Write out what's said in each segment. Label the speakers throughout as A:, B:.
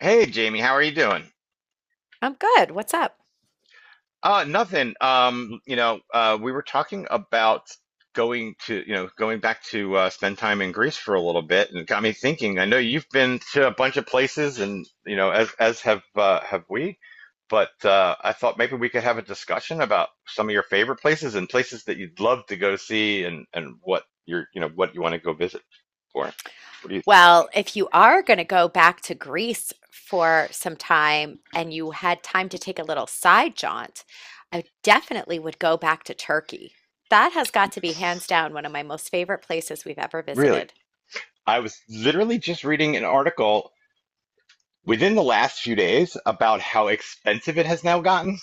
A: Hey Jamie, how are you doing?
B: I'm good. What's up?
A: Nothing. We were talking about going to, going back to spend time in Greece for a little bit, and it got me thinking. I know you've been to a bunch of places, and you know, as have we. But I thought maybe we could have a discussion about some of your favorite places and places that you'd love to go see, and what you're, you know, what you want to go visit for. What do you think?
B: Well, if you are going to go back to Greece for some time and you had time to take a little side jaunt, I definitely would go back to Turkey. That has got to be hands down one of my most favorite places we've ever
A: Really?
B: visited.
A: I was literally just reading an article within the last few days about how expensive it has now gotten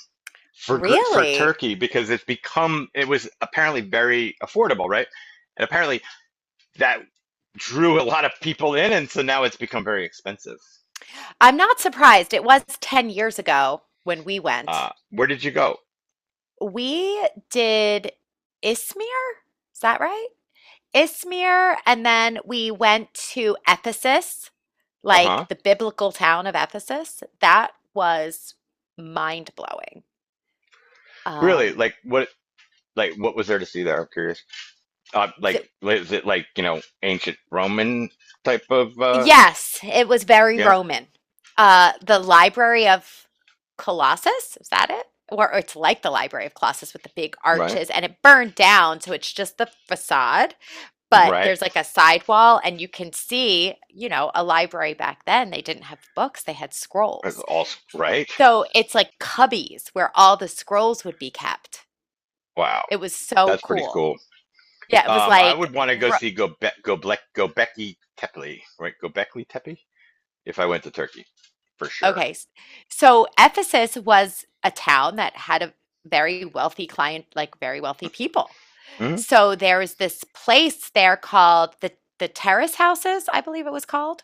A: for
B: Really?
A: Turkey because it was apparently very affordable, right? And apparently that drew a lot of people in, and so now it's become very expensive.
B: I'm not surprised. It was 10 years ago when we went.
A: Where did you go?
B: We did Izmir. Is that right? Ismir, and then we went to Ephesus,
A: Uh huh.
B: like the biblical town of Ephesus. That was mind blowing.
A: Really?
B: Um,
A: Like what? Like what was there to see there? I'm curious. Like
B: th-
A: is it like you know ancient Roman type of?
B: yes, it was very
A: Yeah.
B: Roman. The Library of Colossus, is that it? Or it's like the Library of Colossus with the big
A: Right.
B: arches, and it burned down, so it's just the facade. But
A: Right.
B: there's like a sidewall, and you can see, you know, a library back then. They didn't have books, they had
A: That's
B: scrolls.
A: all right.
B: So it's like cubbies where all the scrolls would be kept.
A: Wow.
B: It was so
A: That's pretty
B: cool.
A: cool.
B: Yeah, it was
A: I would want to go
B: ro-
A: see Göbekli Tepe, right? Göbekli Tepe, if I went to Turkey, for sure.
B: okay. So Ephesus was a town that had a very wealthy client, like very wealthy people.
A: Hmm.
B: So there was this place there called the Terrace Houses, I believe it was called,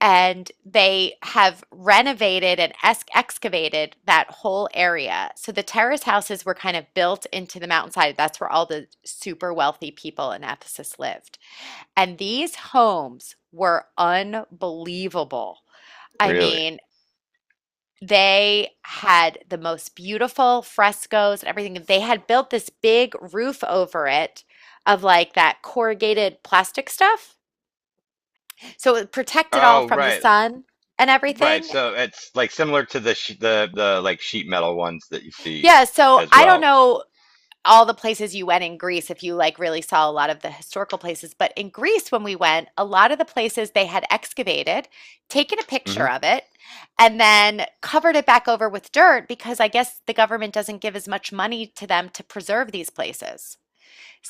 B: and they have renovated and excavated that whole area. So the terrace houses were kind of built into the mountainside. That's where all the super wealthy people in Ephesus lived. And these homes were unbelievable. I
A: Really?
B: mean, they had the most beautiful frescoes and everything. They had built this big roof over it of like that corrugated plastic stuff. So it protected all
A: Oh,
B: from the
A: right,
B: sun and
A: right.
B: everything.
A: So it's like similar to the sh the like sheet metal ones that you see
B: Yeah, so
A: as
B: I don't
A: well.
B: know all the places you went in Greece if you like really saw a lot of the historical places, but in Greece when we went, a lot of the places they had excavated, taken a picture
A: Hmm.
B: of it, and then covered it back over with dirt because I guess the government doesn't give as much money to them to preserve these places.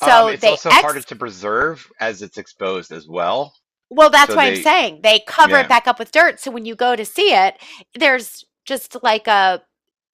A: It's
B: they
A: also harder
B: ex
A: to preserve as it's exposed as well.
B: Well, that's
A: So
B: why I'm
A: they,
B: saying they cover it
A: yeah.
B: back up with dirt. So when you go to see it, there's just like a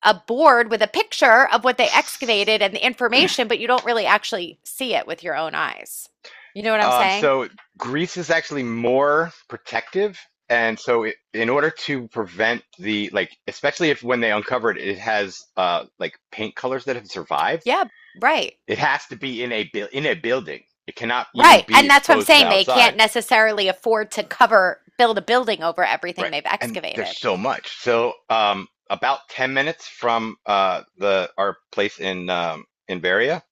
B: a board with a picture of what they excavated and the information, but you don't really actually see it with your own eyes. You know what I'm
A: Um,
B: saying?
A: so grease is actually more protective, and so in order to prevent the like, especially if when they uncover it, it has like paint colors that have survived.
B: Yeah, right.
A: It has to be in a building. It cannot even
B: Right.
A: be
B: And that's what I'm
A: exposed to the
B: saying. They
A: outside.
B: can't necessarily afford to cover, build a building over everything
A: Right.
B: they've
A: And there's
B: excavated.
A: so much. So about 10 minutes from the our place in Veria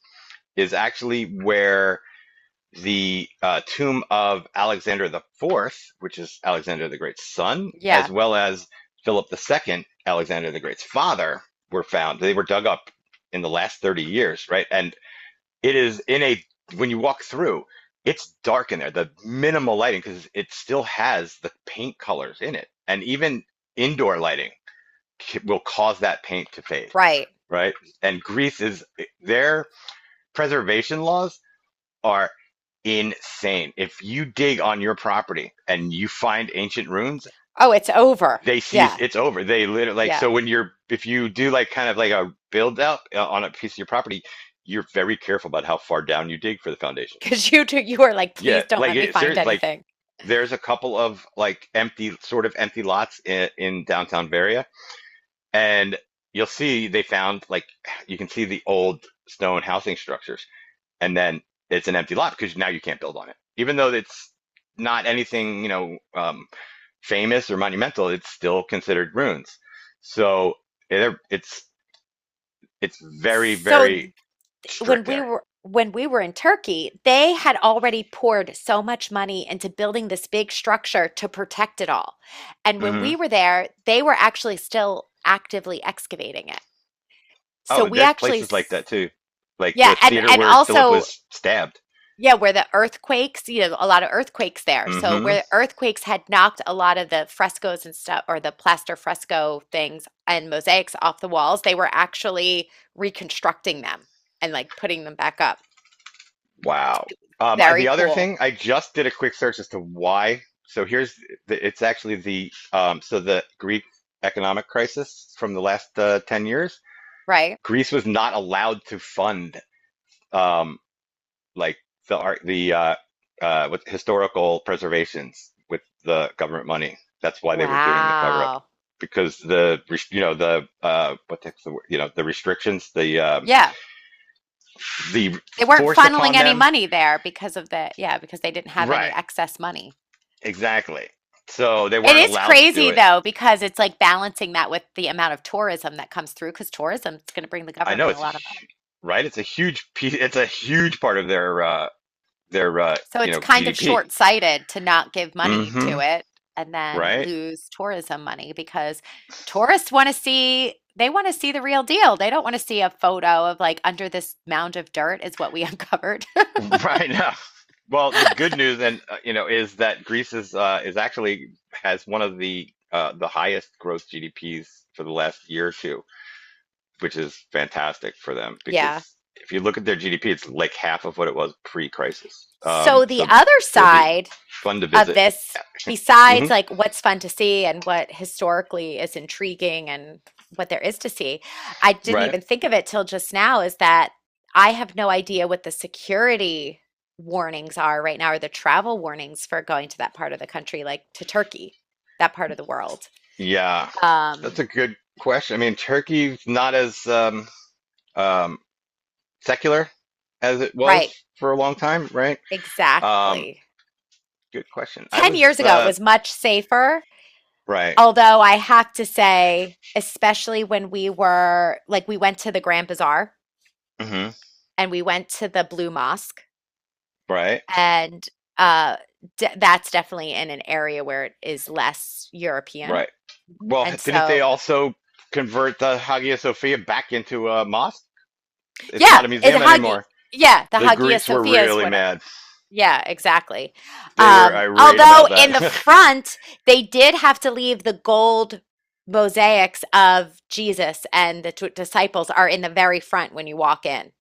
A: is actually where the tomb of Alexander the Fourth, which is Alexander the Great's son, as
B: Yeah,
A: well as Philip the Second, Alexander the Great's father, were found. They were dug up in the last 30 years, right? And it is in a, when you walk through, it's dark in there, the minimal lighting, because it still has the paint colors in it. And even indoor lighting will cause that paint to fade,
B: right.
A: right? And Greece is, their preservation laws are insane. If you dig on your property and you find ancient ruins,
B: Oh, it's over.
A: they see
B: Yeah,
A: it's over. They literally like
B: yeah.
A: so when you're if you do like kind of like a build up on a piece of your property, you're very careful about how far down you dig for the foundations.
B: Because you do, you are like,
A: Yeah,
B: please don't
A: like
B: let me
A: it's there
B: find
A: like
B: anything.
A: there's a couple of like empty sort of empty lots in downtown Varia and you'll see they found like you can see the old stone housing structures and then it's an empty lot because now you can't build on it. Even though it's not anything, you know, famous or monumental, it's still considered ruins. So yeah, it's very
B: So
A: very
B: when
A: strict
B: we
A: there.
B: were when we were in Turkey, they had already poured so much money into building this big structure to protect it all. And when
A: Hmm.
B: we were there, they were actually still actively excavating it. So
A: Oh,
B: we
A: there's
B: actually
A: places like that too, like
B: yeah,
A: the
B: and
A: theater
B: and
A: where Philip
B: also
A: was stabbed.
B: yeah, where the earthquakes, you know, a lot of earthquakes there. So
A: Hmm.
B: where the earthquakes had knocked a lot of the frescoes and stuff or the plaster fresco things and mosaics off the walls, they were actually reconstructing them and like putting them back up.
A: Wow.
B: Very
A: The other
B: cool.
A: thing, I just did a quick search as to why. So here's the, it's actually the so the Greek economic crisis from the last 10 years.
B: Right.
A: Greece was not allowed to fund um, like the art, the with historical preservations with the government money. That's why they were doing the cover up
B: Wow.
A: because the you know the what the, word? You know the restrictions
B: Yeah.
A: the
B: They weren't
A: forced
B: funneling
A: upon
B: any
A: them.
B: money there because of yeah, because they didn't have any
A: Right,
B: excess money.
A: exactly. So they
B: It
A: weren't
B: is
A: allowed to do
B: crazy
A: it.
B: though, because it's like balancing that with the amount of tourism that comes through, because tourism is going to bring the
A: I know
B: government a
A: it's a
B: lot of money.
A: right. It's a huge piece. It's a huge part of their their uh,
B: So
A: you
B: it's
A: know
B: kind of
A: GDP.
B: short-sighted to not give
A: Mm
B: money
A: hmm.
B: to it and then
A: Right.
B: lose tourism money because tourists want to see, they want to see the real deal. They don't want to see a photo of like under this mound of dirt is what we uncovered.
A: Right now. Well, the good news and you know is that Greece is actually has one of the highest growth GDPs for the last year or two, which is fantastic for them because
B: Yeah.
A: if you look at their GDP, it's like half of what it was pre-crisis. Um,
B: So the
A: so
B: other
A: it'll be
B: side
A: fun to
B: of
A: visit.
B: this,
A: Hmm.
B: besides like what's fun to see and what historically is intriguing and what there is to see, I didn't
A: Right?
B: even think of it till just now, is that I have no idea what the security warnings are right now or the travel warnings for going to that part of the country, like to Turkey, that part of the world.
A: Yeah, that's
B: um
A: a good question. I mean, Turkey's not as um, secular as it was
B: right,
A: for a long time, right? Um,
B: exactly.
A: Good question. I
B: 10
A: was
B: years ago it was much safer,
A: right.
B: although I have to say, especially when we were like we went to the Grand Bazaar
A: Hmm.
B: and we went to the Blue Mosque,
A: Right.
B: and uh, that's definitely in an area where it is less European.
A: Right. Well,
B: And
A: didn't they
B: so,
A: also convert the Hagia Sophia back into a mosque? It's
B: yeah,
A: not a
B: it's
A: museum
B: Hagia.
A: anymore.
B: Yeah, the
A: The
B: Hagia
A: Greeks were
B: Sophia is
A: really
B: what.
A: mad.
B: Yeah, exactly.
A: They were irate
B: Although
A: about
B: in
A: that.
B: the front, they did have to leave the gold mosaics of Jesus and the disciples are in the very front when you walk in.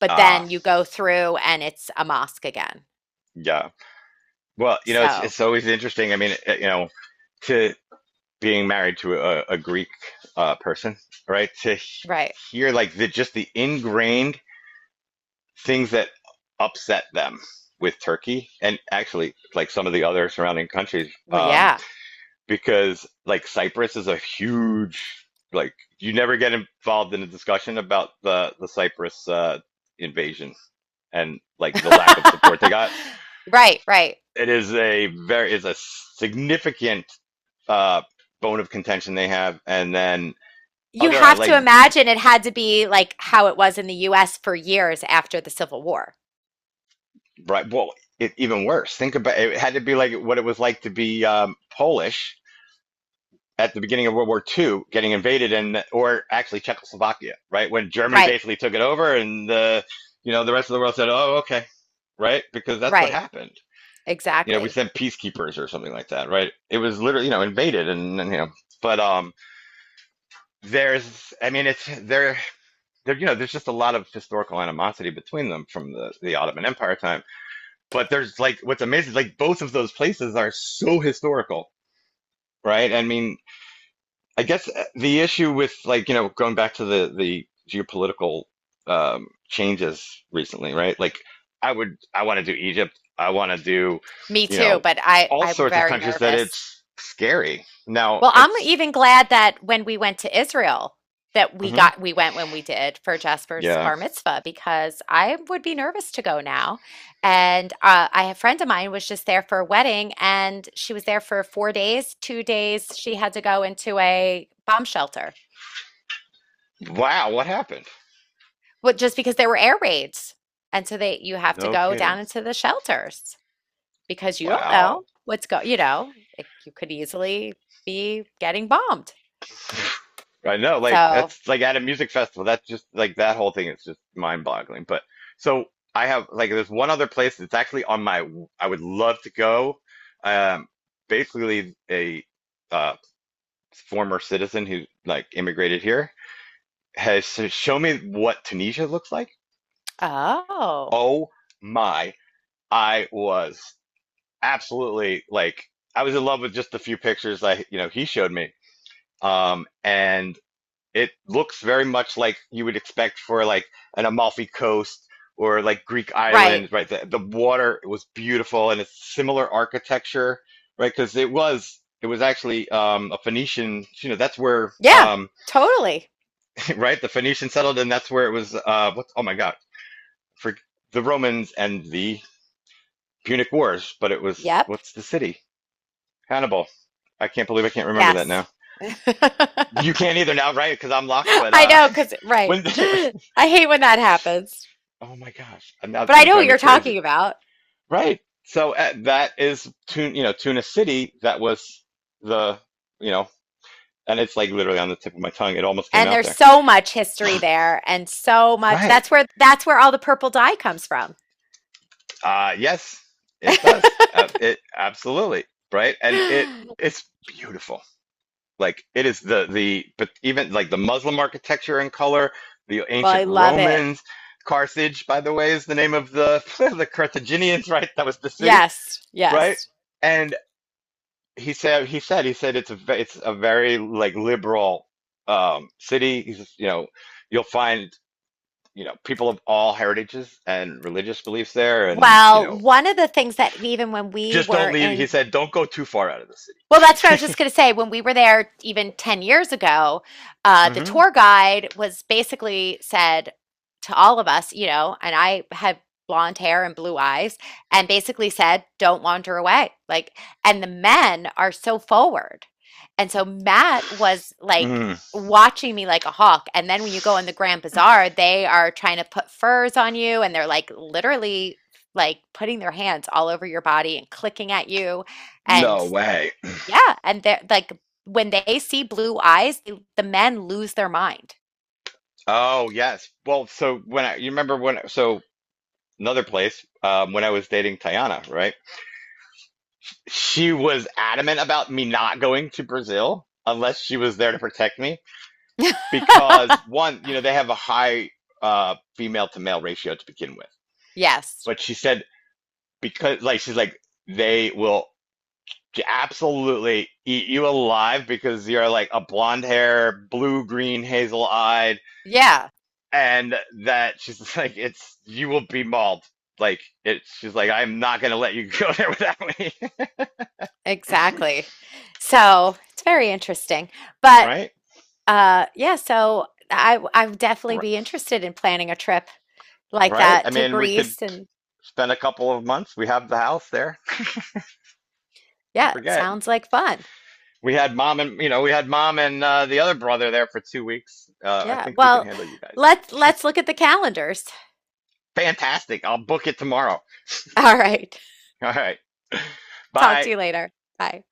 B: But
A: Ah,
B: then you go through and it's a mosque again.
A: yeah. Well, you know,
B: So,
A: it's always interesting. I mean, you know, to being married to a Greek person, right? To
B: right.
A: hear like the just the ingrained things that upset them with Turkey and actually like some of the other surrounding countries.
B: Well, yeah.
A: Because like Cyprus is a huge like you never get involved in a discussion about the Cyprus invasion and like the lack of support they got.
B: Right, right.
A: It is a significant uh, bone of contention they have, and then
B: You
A: other I
B: have
A: like
B: to imagine it had to be like how it was in the US for years after the Civil War.
A: right well it, even worse. Think about it it had to be like what it was like to be Polish at the beginning of World War Two, getting invaded and or actually Czechoslovakia, right? When Germany
B: Right,
A: basically took it over and the you know the rest of the world said, "Oh, okay." Right? Because that's what
B: right.
A: happened. You know, we
B: Exactly.
A: sent peacekeepers or something like that, right? It was literally, you know, invaded and you know, but there's I mean it's there there you know there's just a lot of historical animosity between them from the Ottoman Empire time. But there's like what's amazing like both of those places are so historical, right? I mean, I guess the issue with like, you know, going back to the geopolitical changes recently, right? Like, I want to do Egypt. I want to do,
B: Me
A: you
B: too,
A: know,
B: but I
A: all
B: I'm
A: sorts of
B: very
A: countries that
B: nervous.
A: it's scary. Now
B: Well, I'm
A: it's,
B: even glad that when we went to Israel, that
A: hmm
B: we went when we did for Jasper's
A: yeah.
B: bar mitzvah because I would be nervous to go now. And I, a friend of mine was just there for a wedding, and she was there for 4 days. 2 days she had to go into a bomb shelter,
A: Wow, what happened?
B: but just because there were air raids, and so they you have to
A: No
B: go down
A: kidding.
B: into the shelters because you don't know
A: Wow.
B: what's go. You know, it, you could easily be getting bombed.
A: I know, like
B: So,
A: that's like at a music festival. That's just like that whole thing is just mind-boggling. But so I have like there's one other place that's actually on my I would love to go. Um, basically a uh, former citizen who like immigrated here has shown me what Tunisia looks like.
B: oh.
A: Oh my, I was absolutely like I was in love with just the few pictures I you know he showed me. And. It looks very much like you would expect for like an Amalfi Coast or like Greek
B: Right.
A: island, right? The water was beautiful and it's similar architecture, right? Because it was actually a Phoenician, you know, that's where
B: Yeah, totally.
A: right the Phoenicians settled, and that's where it was. What's oh my God, for the Romans and the Punic Wars, but it was
B: Yep.
A: what's the city? Hannibal. I can't believe I can't remember that
B: Yes.
A: now.
B: I
A: You can't either now, right? Because I'm locked. But
B: know, cause right.
A: when did it,
B: I hate when that happens.
A: oh my gosh, and that's
B: But I
A: going to
B: know what
A: drive me
B: you're
A: crazy.
B: talking about.
A: Right. So that is you know, Tuna City. That was the, you know, and it's like literally on the tip of my tongue. It almost came
B: And
A: out
B: there's
A: there.
B: so much history there and so much,
A: Right.
B: that's where all the purple dye comes from.
A: Yes, it does. It absolutely. Right. And it's beautiful. Like it is the but even like the Muslim architecture and color, the
B: Well,
A: ancient
B: I love it.
A: Romans. Carthage, by the way, is the name of the the Carthaginians, right? That was the city,
B: Yes,
A: right?
B: yes.
A: And he said it's a it's a very like liberal city. He says, you know you'll find you know people of all heritages and religious beliefs there and you
B: Well,
A: know
B: one of the things that even when we
A: just don't
B: were
A: leave he
B: in
A: said don't go too far out of the
B: Well, that's what I was
A: city
B: just going to say. When we were there even 10 years ago, the
A: hmm
B: tour guide was basically said to all of us, you know, and I had blonde hair and blue eyes, and basically said, don't wander away. Like, and the men are so forward. And so Matt was like,
A: mm.
B: watching me like a hawk. And then when you go in the Grand Bazaar, they are trying to put furs on you and they're like literally like putting their hands all over your body and clicking at you. And
A: No way.
B: yeah, and they're like when they see blue eyes, they, the men lose their mind.
A: Oh yes, well so when I you remember when so another place when I was dating Tayana right she was adamant about me not going to Brazil unless she was there to protect me because one, you know, they have a high female to male ratio to begin with.
B: Yes.
A: But she said because like she's like they will absolutely eat you alive because you're like a blonde hair, blue green, hazel eyed,
B: Yeah,
A: and that she's like it's you will be mauled. Like it, she's like I'm not gonna let you go there without me,
B: exactly. So it's very interesting. But
A: right?
B: yeah, so I would definitely be interested in planning a trip like
A: Right. I
B: that to
A: mean, we could
B: Greece. And
A: spend a couple of months. We have the house there. Don't
B: yeah, it
A: forget.
B: sounds like fun.
A: We had mom and the other brother there for 2 weeks. I
B: Yeah.
A: think we can
B: Well,
A: handle you guys.
B: let's look at the calendars.
A: Fantastic. I'll book it tomorrow.
B: All right.
A: All right.
B: Talk to
A: Bye.
B: you later. Bye.